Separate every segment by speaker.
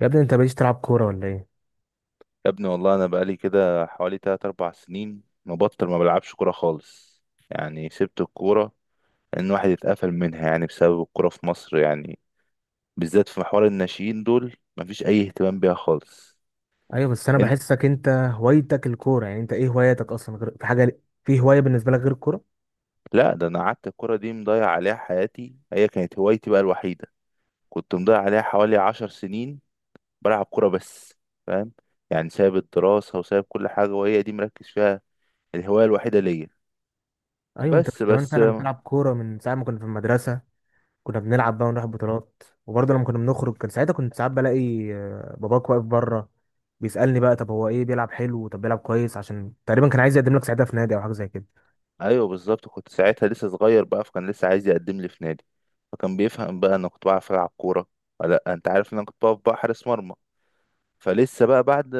Speaker 1: يا ابني انت ماليش تلعب كورة ولا ايه؟
Speaker 2: يا ابني والله انا بقالي كده حوالي 3 4 سنين مبطل ما بلعبش كوره خالص. يعني سبت الكوره ان واحد اتقفل منها، يعني بسبب الكوره في مصر، يعني بالذات في محور الناشئين دول مفيش اي اهتمام بيها خالص.
Speaker 1: ايوه بس انا
Speaker 2: انت
Speaker 1: بحسك انت هوايتك الكورة. يعني انت ايه هواياتك اصلا غير؟ في حاجة في هواية بالنسبة لك غير الكورة؟
Speaker 2: لا ده انا قعدت الكوره دي مضيع عليها حياتي، هي كانت هوايتي بقى الوحيده، كنت مضيع عليها حوالي 10 سنين بلعب كوره بس، فاهم؟ يعني سايب الدراسه وسايب كل حاجه وهي دي مركز فيها، الهوايه الوحيده ليا.
Speaker 1: ايوه انت
Speaker 2: بس
Speaker 1: من زمان
Speaker 2: بس
Speaker 1: فعلا بتلعب كورة من ساعة ما كنا في المدرسة. كنا بنلعب بقى ونروح بطولات، وبرضه لما كنا بنخرج كان ساعتها كنت ساعات بلاقي باباك واقف بره، بيسألني بقى طب هو ايه بيلعب حلو؟ طب بيلعب كويس؟ عشان تقريبا كان عايز يقدم لك ساعتها في نادي او حاجة زي كده.
Speaker 2: ايوه بالظبط كنت ساعتها لسه صغير بقى، فكان لسه عايز يقدم لي في نادي. فكان بيفهم بقى انا كنت بعرف العب كوره ولا لأ. انت عارف ان انا كنت بقف بقى حارس مرمى. فلسه بقى بعد،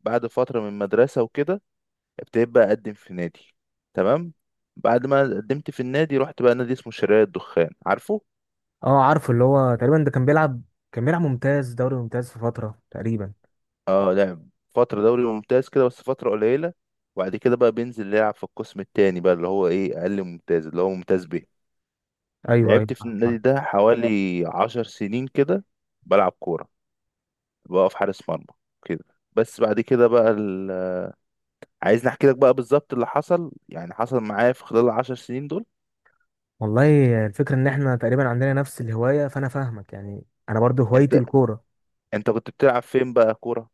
Speaker 2: بعد فتره من المدرسه وكده، ابتديت بقى اقدم في نادي. تمام. بعد ما قدمت في النادي رحت بقى نادي اسمه شراية الدخان، عارفه؟
Speaker 1: اه عارف، اللي هو تقريبا ده كان بيلعب ممتاز، دوري ممتاز في فترة تقريبا.
Speaker 2: اه لعب فتره دوري ممتاز كده بس فتره قليله، وبعد كده بقى بينزل يلعب في القسم التاني بقى، اللي هو ايه اقل ممتاز، اللي هو ممتاز به.
Speaker 1: ايوه ايوه.
Speaker 2: لعبت في النادي ده حوالي عشر سنين كده، بلعب كورة، بقف حارس مرمى كده. بس بعد كده بقى ال... عايزني احكي لك بقى بالظبط اللي حصل، يعني حصل معايا في خلال العشر سنين دول.
Speaker 1: والله الفكرة ان احنا تقريبا عندنا نفس الهواية، فانا فاهمك. يعني انا برضو هوايتي
Speaker 2: انت
Speaker 1: الكورة.
Speaker 2: انت كنت بتلعب فين بقى كورة؟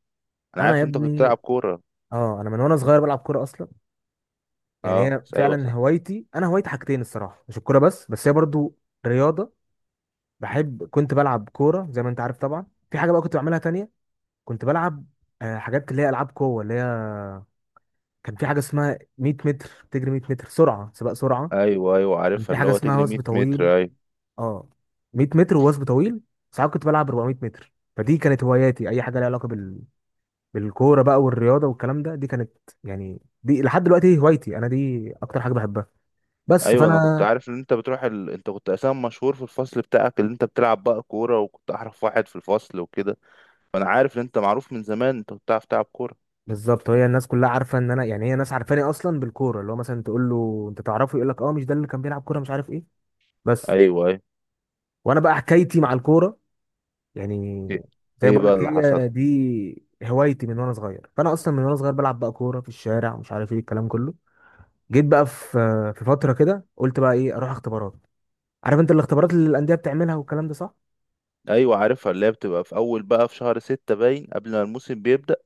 Speaker 2: انا
Speaker 1: انا يا
Speaker 2: عارف انت كنت بتلعب
Speaker 1: ابني،
Speaker 2: كورة.
Speaker 1: اه انا من وانا صغير بلعب كورة اصلا. يعني
Speaker 2: اه،
Speaker 1: هي
Speaker 2: ايوه،
Speaker 1: فعلا
Speaker 2: صح.
Speaker 1: هوايتي، انا هوايتي حاجتين الصراحة، مش الكورة بس هي برضو رياضة. بحب، كنت بلعب كورة زي ما انت عارف طبعا. في حاجة بقى كنت بعملها تانية، كنت بلعب حاجات اللي هي العاب قوة. اللي هي كان في حاجة اسمها 100 متر، بتجري 100 متر سرعة، سباق سرعة.
Speaker 2: ايوه ايوه
Speaker 1: كان في
Speaker 2: عارفها، اللي
Speaker 1: حاجة
Speaker 2: هو
Speaker 1: اسمها
Speaker 2: تجري
Speaker 1: وثب
Speaker 2: 100
Speaker 1: طويل.
Speaker 2: متر، ايوه.
Speaker 1: اه، 100 متر ووثب طويل. ساعات كنت بلعب 400 متر. فدي كانت هواياتي، اي حاجه ليها علاقه بالكوره بقى والرياضه والكلام ده، دي كانت يعني دي لحد دلوقتي هوايتي، انا دي اكتر حاجه بحبها. بس
Speaker 2: ايوه انا كنت
Speaker 1: فانا،
Speaker 2: عارف ان انت بتروح ال... انت كنت اساسا مشهور في الفصل بتاعك، اللي انت بتلعب بقى كورة وكنت احرف واحد في الفصل وكده. فانا عارف ان انت معروف من زمان، انت كنت بتعرف تلعب كورة.
Speaker 1: بالظبط. هي الناس كلها عارفه ان انا، يعني هي ناس عارفاني اصلا بالكوره. اللي هو مثلا تقول له انت تعرفه، يقول لك اه مش ده اللي كان بيلعب كوره مش عارف ايه؟ بس.
Speaker 2: ايوه، ايوه.
Speaker 1: وانا بقى حكايتي مع الكوره، يعني
Speaker 2: ايه
Speaker 1: زي ما
Speaker 2: إيه
Speaker 1: بقول
Speaker 2: بقى
Speaker 1: لك
Speaker 2: اللي حصل؟
Speaker 1: هي دي هوايتي من وانا صغير. فانا اصلا من وانا صغير بلعب بقى كوره في الشارع ومش عارف ايه، الكلام كله. جيت بقى في، في فتره كده قلت بقى ايه اروح اختبارات. عارف انت الاختبارات اللي الانديه بتعملها والكلام ده، صح؟
Speaker 2: ايوه عارفها، اللي هي بتبقى في اول بقى في شهر ستة باين قبل ما الموسم بيبدأ.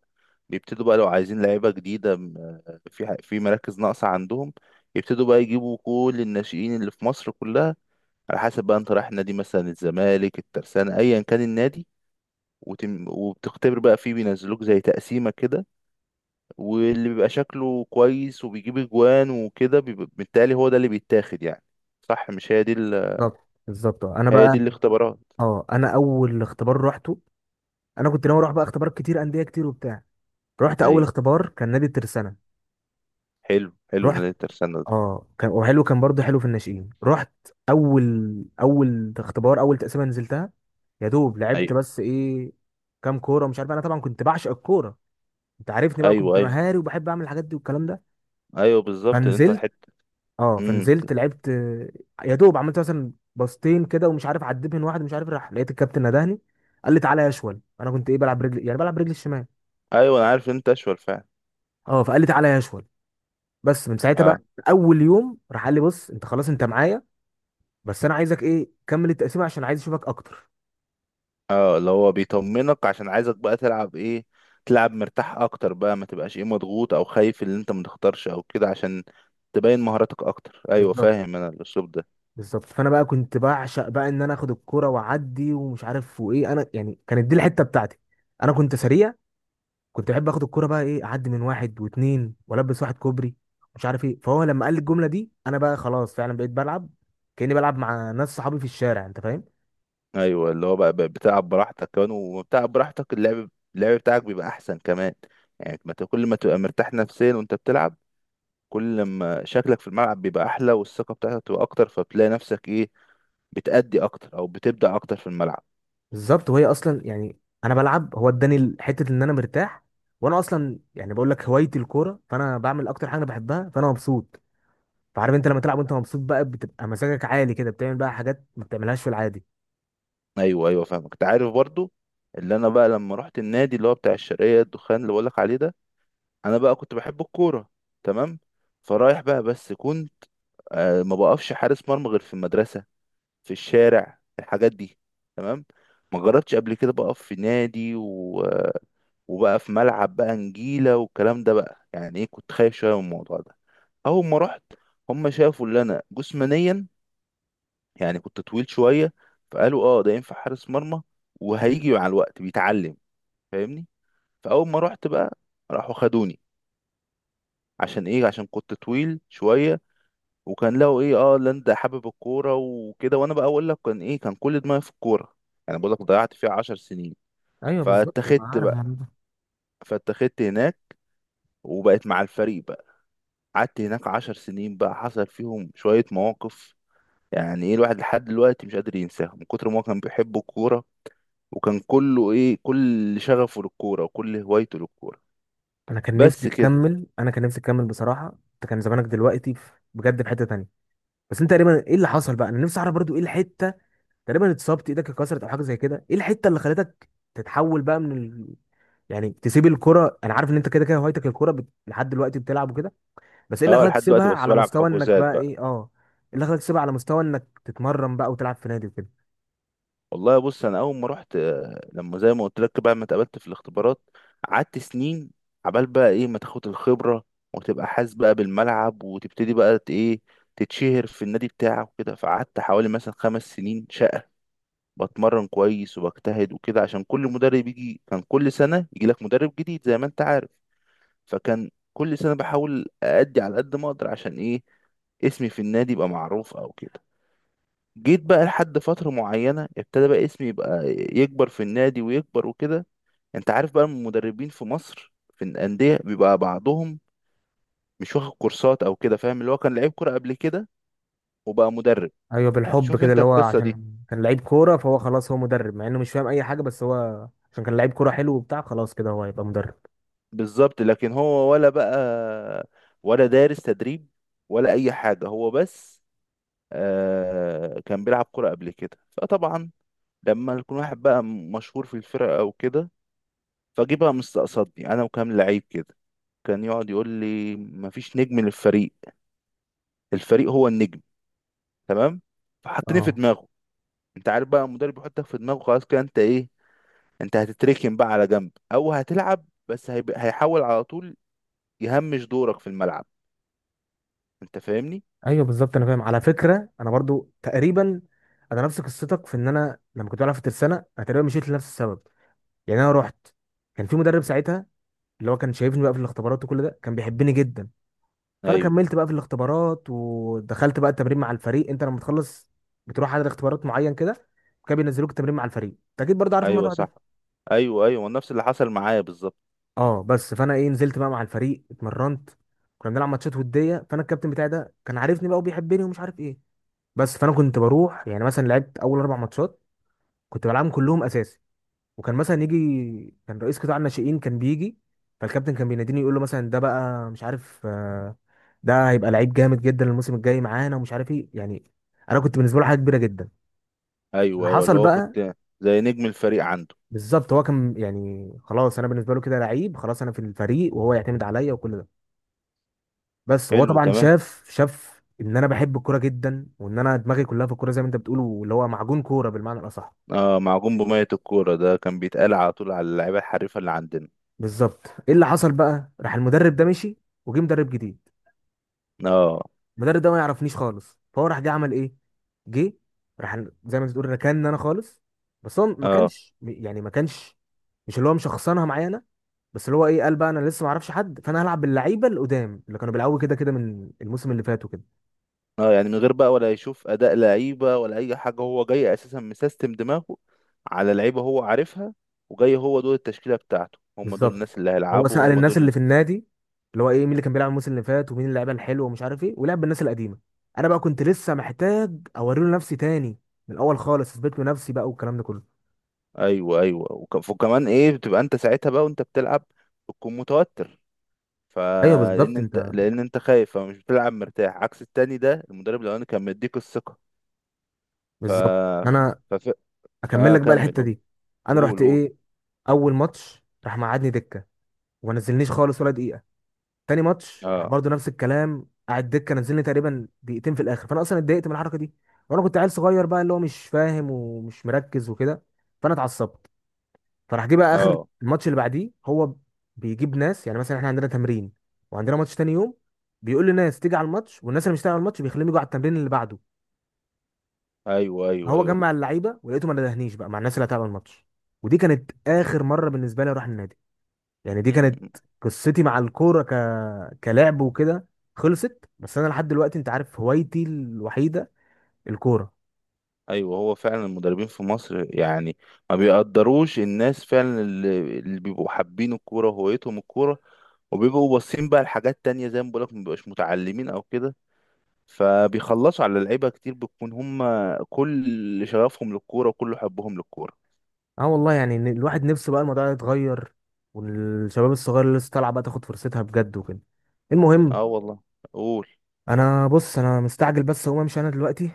Speaker 2: بيبتدوا بقى لو عايزين لعيبة جديدة في في مراكز ناقصة عندهم. يبتدوا بقى يجيبوا كل الناشئين اللي في مصر كلها. على حسب بقى انت رايح نادي، مثلا الزمالك، الترسانة، ايا كان النادي. وتم وبتختبر بقى فيه، بينزلوك زي تقسيمة كده. واللي بيبقى شكله كويس وبيجيب اجوان وكده بيبقى- بالتالي هو ده اللي بيتاخد يعني. صح، مش هي دي ال...
Speaker 1: بالظبط بالظبط. انا
Speaker 2: هي دي
Speaker 1: بقى،
Speaker 2: الاختبارات؟
Speaker 1: اه انا اول اختبار روحته، انا كنت ناوي اروح بقى اختبارات كتير، انديه كتير وبتاع. رحت اول
Speaker 2: ايوه
Speaker 1: اختبار كان نادي الترسانه.
Speaker 2: حلو حلو
Speaker 1: رحت،
Speaker 2: نادي الترسانة ده.
Speaker 1: اه كان وحلو، كان برضه حلو في الناشئين. رحت اول، اول اختبار اول تقسيمه نزلتها، يا دوب لعبت
Speaker 2: ايوه،
Speaker 1: بس ايه كام كوره مش عارف. انا طبعا كنت بعشق الكوره، انت عارفني بقى
Speaker 2: ايوه،
Speaker 1: كنت
Speaker 2: ايوه.
Speaker 1: مهاري، وبحب اعمل الحاجات دي والكلام ده.
Speaker 2: ايوه بالظبط اللي انت
Speaker 1: فنزلت،
Speaker 2: حته.
Speaker 1: اه
Speaker 2: امم
Speaker 1: فنزلت لعبت يا دوب عملت مثلا باصتين كده ومش عارف عديت من واحد مش عارف، راح لقيت الكابتن ندهني، قال لي تعالى يا اشول. انا كنت ايه بلعب رجلي، يعني بلعب رجلي الشمال.
Speaker 2: ايوه انا عارف إن انت اشول فعلا.
Speaker 1: اه فقال لي تعالى يا اشول. بس من ساعتها
Speaker 2: اه.
Speaker 1: بقى، اول يوم راح قال لي بص انت خلاص انت معايا، بس انا عايزك ايه كمل التقسيمه عشان عايز اشوفك اكتر.
Speaker 2: اه اللي هو بيطمنك عشان عايزك بقى تلعب ايه، تلعب مرتاح اكتر بقى، ما تبقاش ايه مضغوط او خايف اللي انت ما تختارش او كده، عشان تبين مهاراتك اكتر. ايوه
Speaker 1: بالظبط
Speaker 2: فاهم انا الاسلوب ده.
Speaker 1: بالظبط. فانا بقى كنت بعشق بقى ان انا اخد الكرة واعدي ومش عارف وايه، انا يعني كانت دي الحته بتاعتي. انا كنت سريع، كنت بحب اخد الكوره بقى ايه اعدي من واحد واتنين، والبس واحد كوبري مش عارف ايه. فهو لما قال لي الجمله دي انا بقى خلاص فعلا بقيت بلعب كاني بلعب مع ناس صحابي في الشارع، انت فاهم.
Speaker 2: ايوه اللي هو بقى بتلعب براحتك كمان، وبتلعب براحتك اللعب، اللعب بتاعك بيبقى احسن كمان. يعني ما ت- كل ما تبقى مرتاح نفسيا وانت بتلعب، كل ما شكلك في الملعب بيبقى احلى والثقه بتاعتك بتبقى اكتر، فبتلاقي نفسك ايه، بتأدي اكتر او بتبدع اكتر في الملعب.
Speaker 1: بالظبط. وهي اصلا يعني انا بلعب هو اداني حته ان انا مرتاح. وانا اصلا يعني بقول لك هوايتي الكوره، فانا بعمل اكتر حاجه انا بحبها، فانا مبسوط. فعارف انت لما تلعب وانت مبسوط بقى بتبقى مزاجك عالي كده، بتعمل بقى حاجات ما بتعملهاش في العادي.
Speaker 2: ايوه، ايوه، فاهمك. انت عارف برضو اللي انا بقى لما رحت النادي اللي هو بتاع الشرقيه الدخان اللي بقولك عليه ده، انا بقى كنت بحب الكوره، تمام. فرايح بقى بس كنت ما بقفش حارس مرمى غير في المدرسه، في الشارع، في الحاجات دي. تمام. ما جربتش قبل كده بقف في نادي و... وبقى في ملعب بقى نجيله والكلام ده بقى، يعني ايه كنت خايف شويه من الموضوع ده. اول ما رحت، هم شافوا اللي انا جسمانيا، يعني كنت طويل شوية، فقالوا اه ده ينفع حارس مرمى وهيجي مع الوقت بيتعلم، فاهمني. فأول ما رحت بقى راحوا خدوني، عشان ايه، عشان كنت طويل شوية، وكان لقوا ايه، اه لا انت حابب الكورة وكده، وانا بقى اقول لك كان ايه، كان كل دماغي في الكورة. يعني بقول لك ضيعت فيها عشر سنين.
Speaker 1: ايوه بالظبط انا
Speaker 2: فاتخذت
Speaker 1: عارف يا
Speaker 2: بقى،
Speaker 1: عم.
Speaker 2: فاتخذت هناك وبقيت مع الفريق بقى. قعدت هناك عشر سنين بقى، حصل فيهم شوية مواقف، يعني ايه الواحد لحد دلوقتي مش قادر ينساها من كتر ما هو كان بيحب الكورة، وكان كله ايه كل شغفه للكوره وكل هوايته للكوره.
Speaker 1: انا كان نفسي
Speaker 2: بس كده.
Speaker 1: تكمل، انا كان نفسي تكمل بصراحه. انت كان زمانك دلوقتي بجد في حته تانية. بس انت تقريبا ايه اللي حصل بقى؟ انا نفسي اعرف برضو ايه الحته. تقريبا اتصبت ايدك، اتكسرت او حاجه زي كده؟ ايه الحته اللي خلتك تتحول بقى من يعني تسيب الكره؟ انا عارف ان انت كده كده هوايتك الكره لحد دلوقتي بتلعب وكده، بس ايه اللي
Speaker 2: اه
Speaker 1: خلاك
Speaker 2: لحد
Speaker 1: تسيبها
Speaker 2: دلوقتي بس
Speaker 1: على
Speaker 2: بلعب
Speaker 1: مستوى انك
Speaker 2: حجوزات
Speaker 1: بقى
Speaker 2: بقى.
Speaker 1: ايه، اه ايه اللي خلاك تسيبها على مستوى انك تتمرن بقى وتلعب في نادي وكده؟
Speaker 2: والله بص، انا اول ما رحت لما زي ما قلت لك بقى ما اتقابلت في الاختبارات، قعدت سنين عبال بقى ايه ما تاخد الخبره وتبقى حاسس بقى بالملعب وتبتدي بقى ايه تتشهر في النادي بتاعك وكده. فقعدت حوالي مثلا خمس سنين شقه، بتمرن كويس وبجتهد وكده، عشان كل مدرب يجي، كان كل سنه يجي لك مدرب جديد زي ما انت عارف. فكان كل سنة بحاول أأدي على قد ما أقدر، عشان إيه، اسمي في النادي يبقى معروف أو كده. جيت بقى لحد فترة معينة ابتدى بقى اسمي يبقى يكبر في النادي ويكبر وكده. أنت عارف بقى المدربين في مصر في الأندية بيبقى بعضهم مش واخد كورسات أو كده، فاهم، اللي هو كان لعيب كورة قبل كده وبقى مدرب.
Speaker 1: ايوه بالحب
Speaker 2: بتشوف
Speaker 1: كده
Speaker 2: أنت
Speaker 1: اللي هو
Speaker 2: القصة دي؟
Speaker 1: عشان كان لعيب كوره فهو خلاص هو مدرب، مع انه مش فاهم اي حاجه، بس هو عشان كان لعيب كوره حلو وبتاع خلاص كده هو هيبقى مدرب.
Speaker 2: بالظبط، لكن هو ولا بقى ولا دارس تدريب ولا أي حاجة، هو بس آه كان بيلعب كورة قبل كده، فطبعا لما يكون واحد بقى مشهور في الفرقة أو كده، فجي بقى مستقصدني أنا وكام لعيب كده. كان يقعد يقول لي مفيش نجم للفريق، الفريق هو النجم، تمام. فحطني في
Speaker 1: اه
Speaker 2: دماغه، أنت عارف بقى المدرب بيحطك في دماغه خلاص، كده أنت إيه، أنت هتتركن بقى على جنب، أو هتلعب بس هيبقى هيحاول على طول يهمش دورك في الملعب. أنت فاهمني؟
Speaker 1: ايوه بالظبط انا فاهم. على فكره انا برضو تقريبا، انا نفس قصتك في ان انا لما كنت بلعب في الترسانه انا تقريبا مشيت لنفس السبب. يعني انا رحت، كان في مدرب ساعتها اللي هو كان شايفني بقى في الاختبارات وكل ده، كان بيحبني جدا. فانا
Speaker 2: أيوه،
Speaker 1: كملت بقى في الاختبارات ودخلت بقى التمرين مع الفريق. انت لما تخلص بتروح على اختبارات معين كده، كانوا بينزلوك التمرين مع الفريق، انت اكيد برضو عارف
Speaker 2: أيوه،
Speaker 1: الموضوع ده.
Speaker 2: صح. أيوه أيوه نفس اللي حصل معايا بالظبط.
Speaker 1: اه بس فانا ايه نزلت بقى مع الفريق، اتمرنت، كنا بنلعب ماتشات وديه. فانا الكابتن بتاعي ده كان عارفني بقى وبيحبني ومش عارف ايه. بس فانا كنت بروح يعني مثلا لعبت اول اربع ماتشات، كنت بلعبهم كلهم اساسي. وكان مثلا يجي كان رئيس قطاع الناشئين كان بيجي، فالكابتن كان بيناديني يقول له مثلا ده بقى مش عارف، ده هيبقى لعيب جامد جدا الموسم الجاي معانا ومش عارف ايه، يعني انا كنت بالنسبه له حاجه كبيره جدا. اللي
Speaker 2: أيوه أيوه اللي
Speaker 1: حصل
Speaker 2: هو
Speaker 1: بقى،
Speaker 2: كنت زي نجم الفريق عنده.
Speaker 1: بالظبط هو كان يعني خلاص انا بالنسبه له كده لعيب خلاص، انا في الفريق وهو يعتمد عليا وكل ده. بس هو
Speaker 2: حلو،
Speaker 1: طبعا
Speaker 2: تمام.
Speaker 1: شاف ان انا بحب الكوره جدا، وان انا دماغي كلها في الكوره زي ما انت بتقول، واللي هو معجون كوره بالمعنى الاصح.
Speaker 2: اه معجون بمية الكورة، ده كان بيتقال على طول على اللعيبة الحريفة اللي عندنا.
Speaker 1: بالظبط. ايه اللي حصل بقى؟ راح المدرب ده مشي، وجه مدرب جديد.
Speaker 2: اه.
Speaker 1: المدرب ده ما يعرفنيش خالص. فهو راح جه عمل ايه، جه راح زي ما انت بتقول ركان انا خالص. بس هو ما
Speaker 2: اه.
Speaker 1: كانش يعني ما كانش مش اللي هو مشخصنها معايا انا، بس اللي هو ايه قال بقى انا لسه ما اعرفش حد فانا هلعب باللعيبه القدام اللي كانوا بيلعبوا كده كده من الموسم اللي فات وكده.
Speaker 2: اه يعني من غير بقى ولا يشوف أداء لعيبة ولا أي حاجة، هو جاي أساسا مسيستم دماغه على لعيبة هو عارفها، وجاي هو دول التشكيلة بتاعته، هم دول الناس
Speaker 1: بالظبط.
Speaker 2: اللي
Speaker 1: هو
Speaker 2: هيلعبوا
Speaker 1: سأل
Speaker 2: هم
Speaker 1: الناس اللي في
Speaker 2: دول.
Speaker 1: النادي، اللي هو ايه مين اللي كان بيلعب الموسم اللي فات ومين اللعيبه الحلوه ومش عارف ايه، ولعب بالناس القديمه. انا بقى كنت لسه محتاج اوري له نفسي تاني، من الاول خالص اثبت له نفسي بقى والكلام ده كله.
Speaker 2: أيوه، أيوه. وكمان إيه بتبقى أنت ساعتها بقى وأنت بتلعب بتكون متوتر،
Speaker 1: ايوه
Speaker 2: فلأن
Speaker 1: بالظبط انت،
Speaker 2: أنت لأن أنت خايف فمش بتلعب مرتاح، عكس التاني ده المدرب الأولاني كان مديك الثقة. ف...
Speaker 1: بالظبط. انا
Speaker 2: فف...
Speaker 1: اكمل
Speaker 2: اه
Speaker 1: لك بقى
Speaker 2: كمل
Speaker 1: الحته
Speaker 2: قول.
Speaker 1: دي. انا
Speaker 2: قول
Speaker 1: رحت
Speaker 2: قول.
Speaker 1: ايه اول ماتش راح مقعدني دكه، وما نزلنيش خالص ولا دقيقه. تاني ماتش راح
Speaker 2: اه.
Speaker 1: برضه نفس الكلام، قعد دكه نزلني تقريبا دقيقتين في الاخر، فانا اصلا اتضايقت من الحركه دي. وانا كنت عيل صغير بقى اللي هو مش فاهم ومش مركز وكده، فانا اتعصبت. فراح جه بقى اخر
Speaker 2: اه.
Speaker 1: الماتش اللي بعديه هو بيجيب ناس، يعني مثلا احنا عندنا تمرين وعندنا ماتش تاني يوم، بيقول للناس تيجي على الماتش، والناس اللي مش هتيجي على الماتش بيخليهم يجوا على التمرين اللي بعده.
Speaker 2: ايوه، ايوه،
Speaker 1: هو
Speaker 2: ايوه.
Speaker 1: جمع اللعيبه ولقيته ما ندهنيش بقى مع الناس اللي هتلعب الماتش. ودي كانت اخر مره بالنسبه لي اروح النادي. يعني دي
Speaker 2: مم.
Speaker 1: كانت قصتي مع الكوره كلعب وكده، خلصت. بس انا لحد دلوقتي انت عارف هوايتي الوحيده الكوره.
Speaker 2: ايوه هو فعلا المدربين في مصر يعني ما بيقدروش الناس فعلا اللي بيبقوا حابين الكوره وهويتهم الكوره، وبيبقوا باصين بقى لحاجات تانية زي ما بقولك، ما بيبقاش متعلمين او كده، فبيخلصوا على لعيبه كتير بتكون هم كل شغفهم للكوره وكل حبهم للكوره.
Speaker 1: اه والله يعني إن الواحد نفسه بقى الموضوع ده يتغير، والشباب الصغير اللي لسه طالعه بقى تاخد فرصتها بجد وكده. المهم
Speaker 2: اه والله. قول.
Speaker 1: انا، بص انا مستعجل بس، هقوم امشي انا دلوقتي،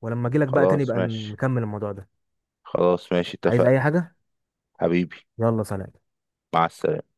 Speaker 1: ولما اجي لك بقى تاني
Speaker 2: خلاص
Speaker 1: بقى
Speaker 2: ماشي،
Speaker 1: نكمل الموضوع ده.
Speaker 2: خلاص ماشي،
Speaker 1: عايز
Speaker 2: اتفقنا.
Speaker 1: اي حاجة؟
Speaker 2: حبيبي.
Speaker 1: يلا سلام.
Speaker 2: مع السلامه.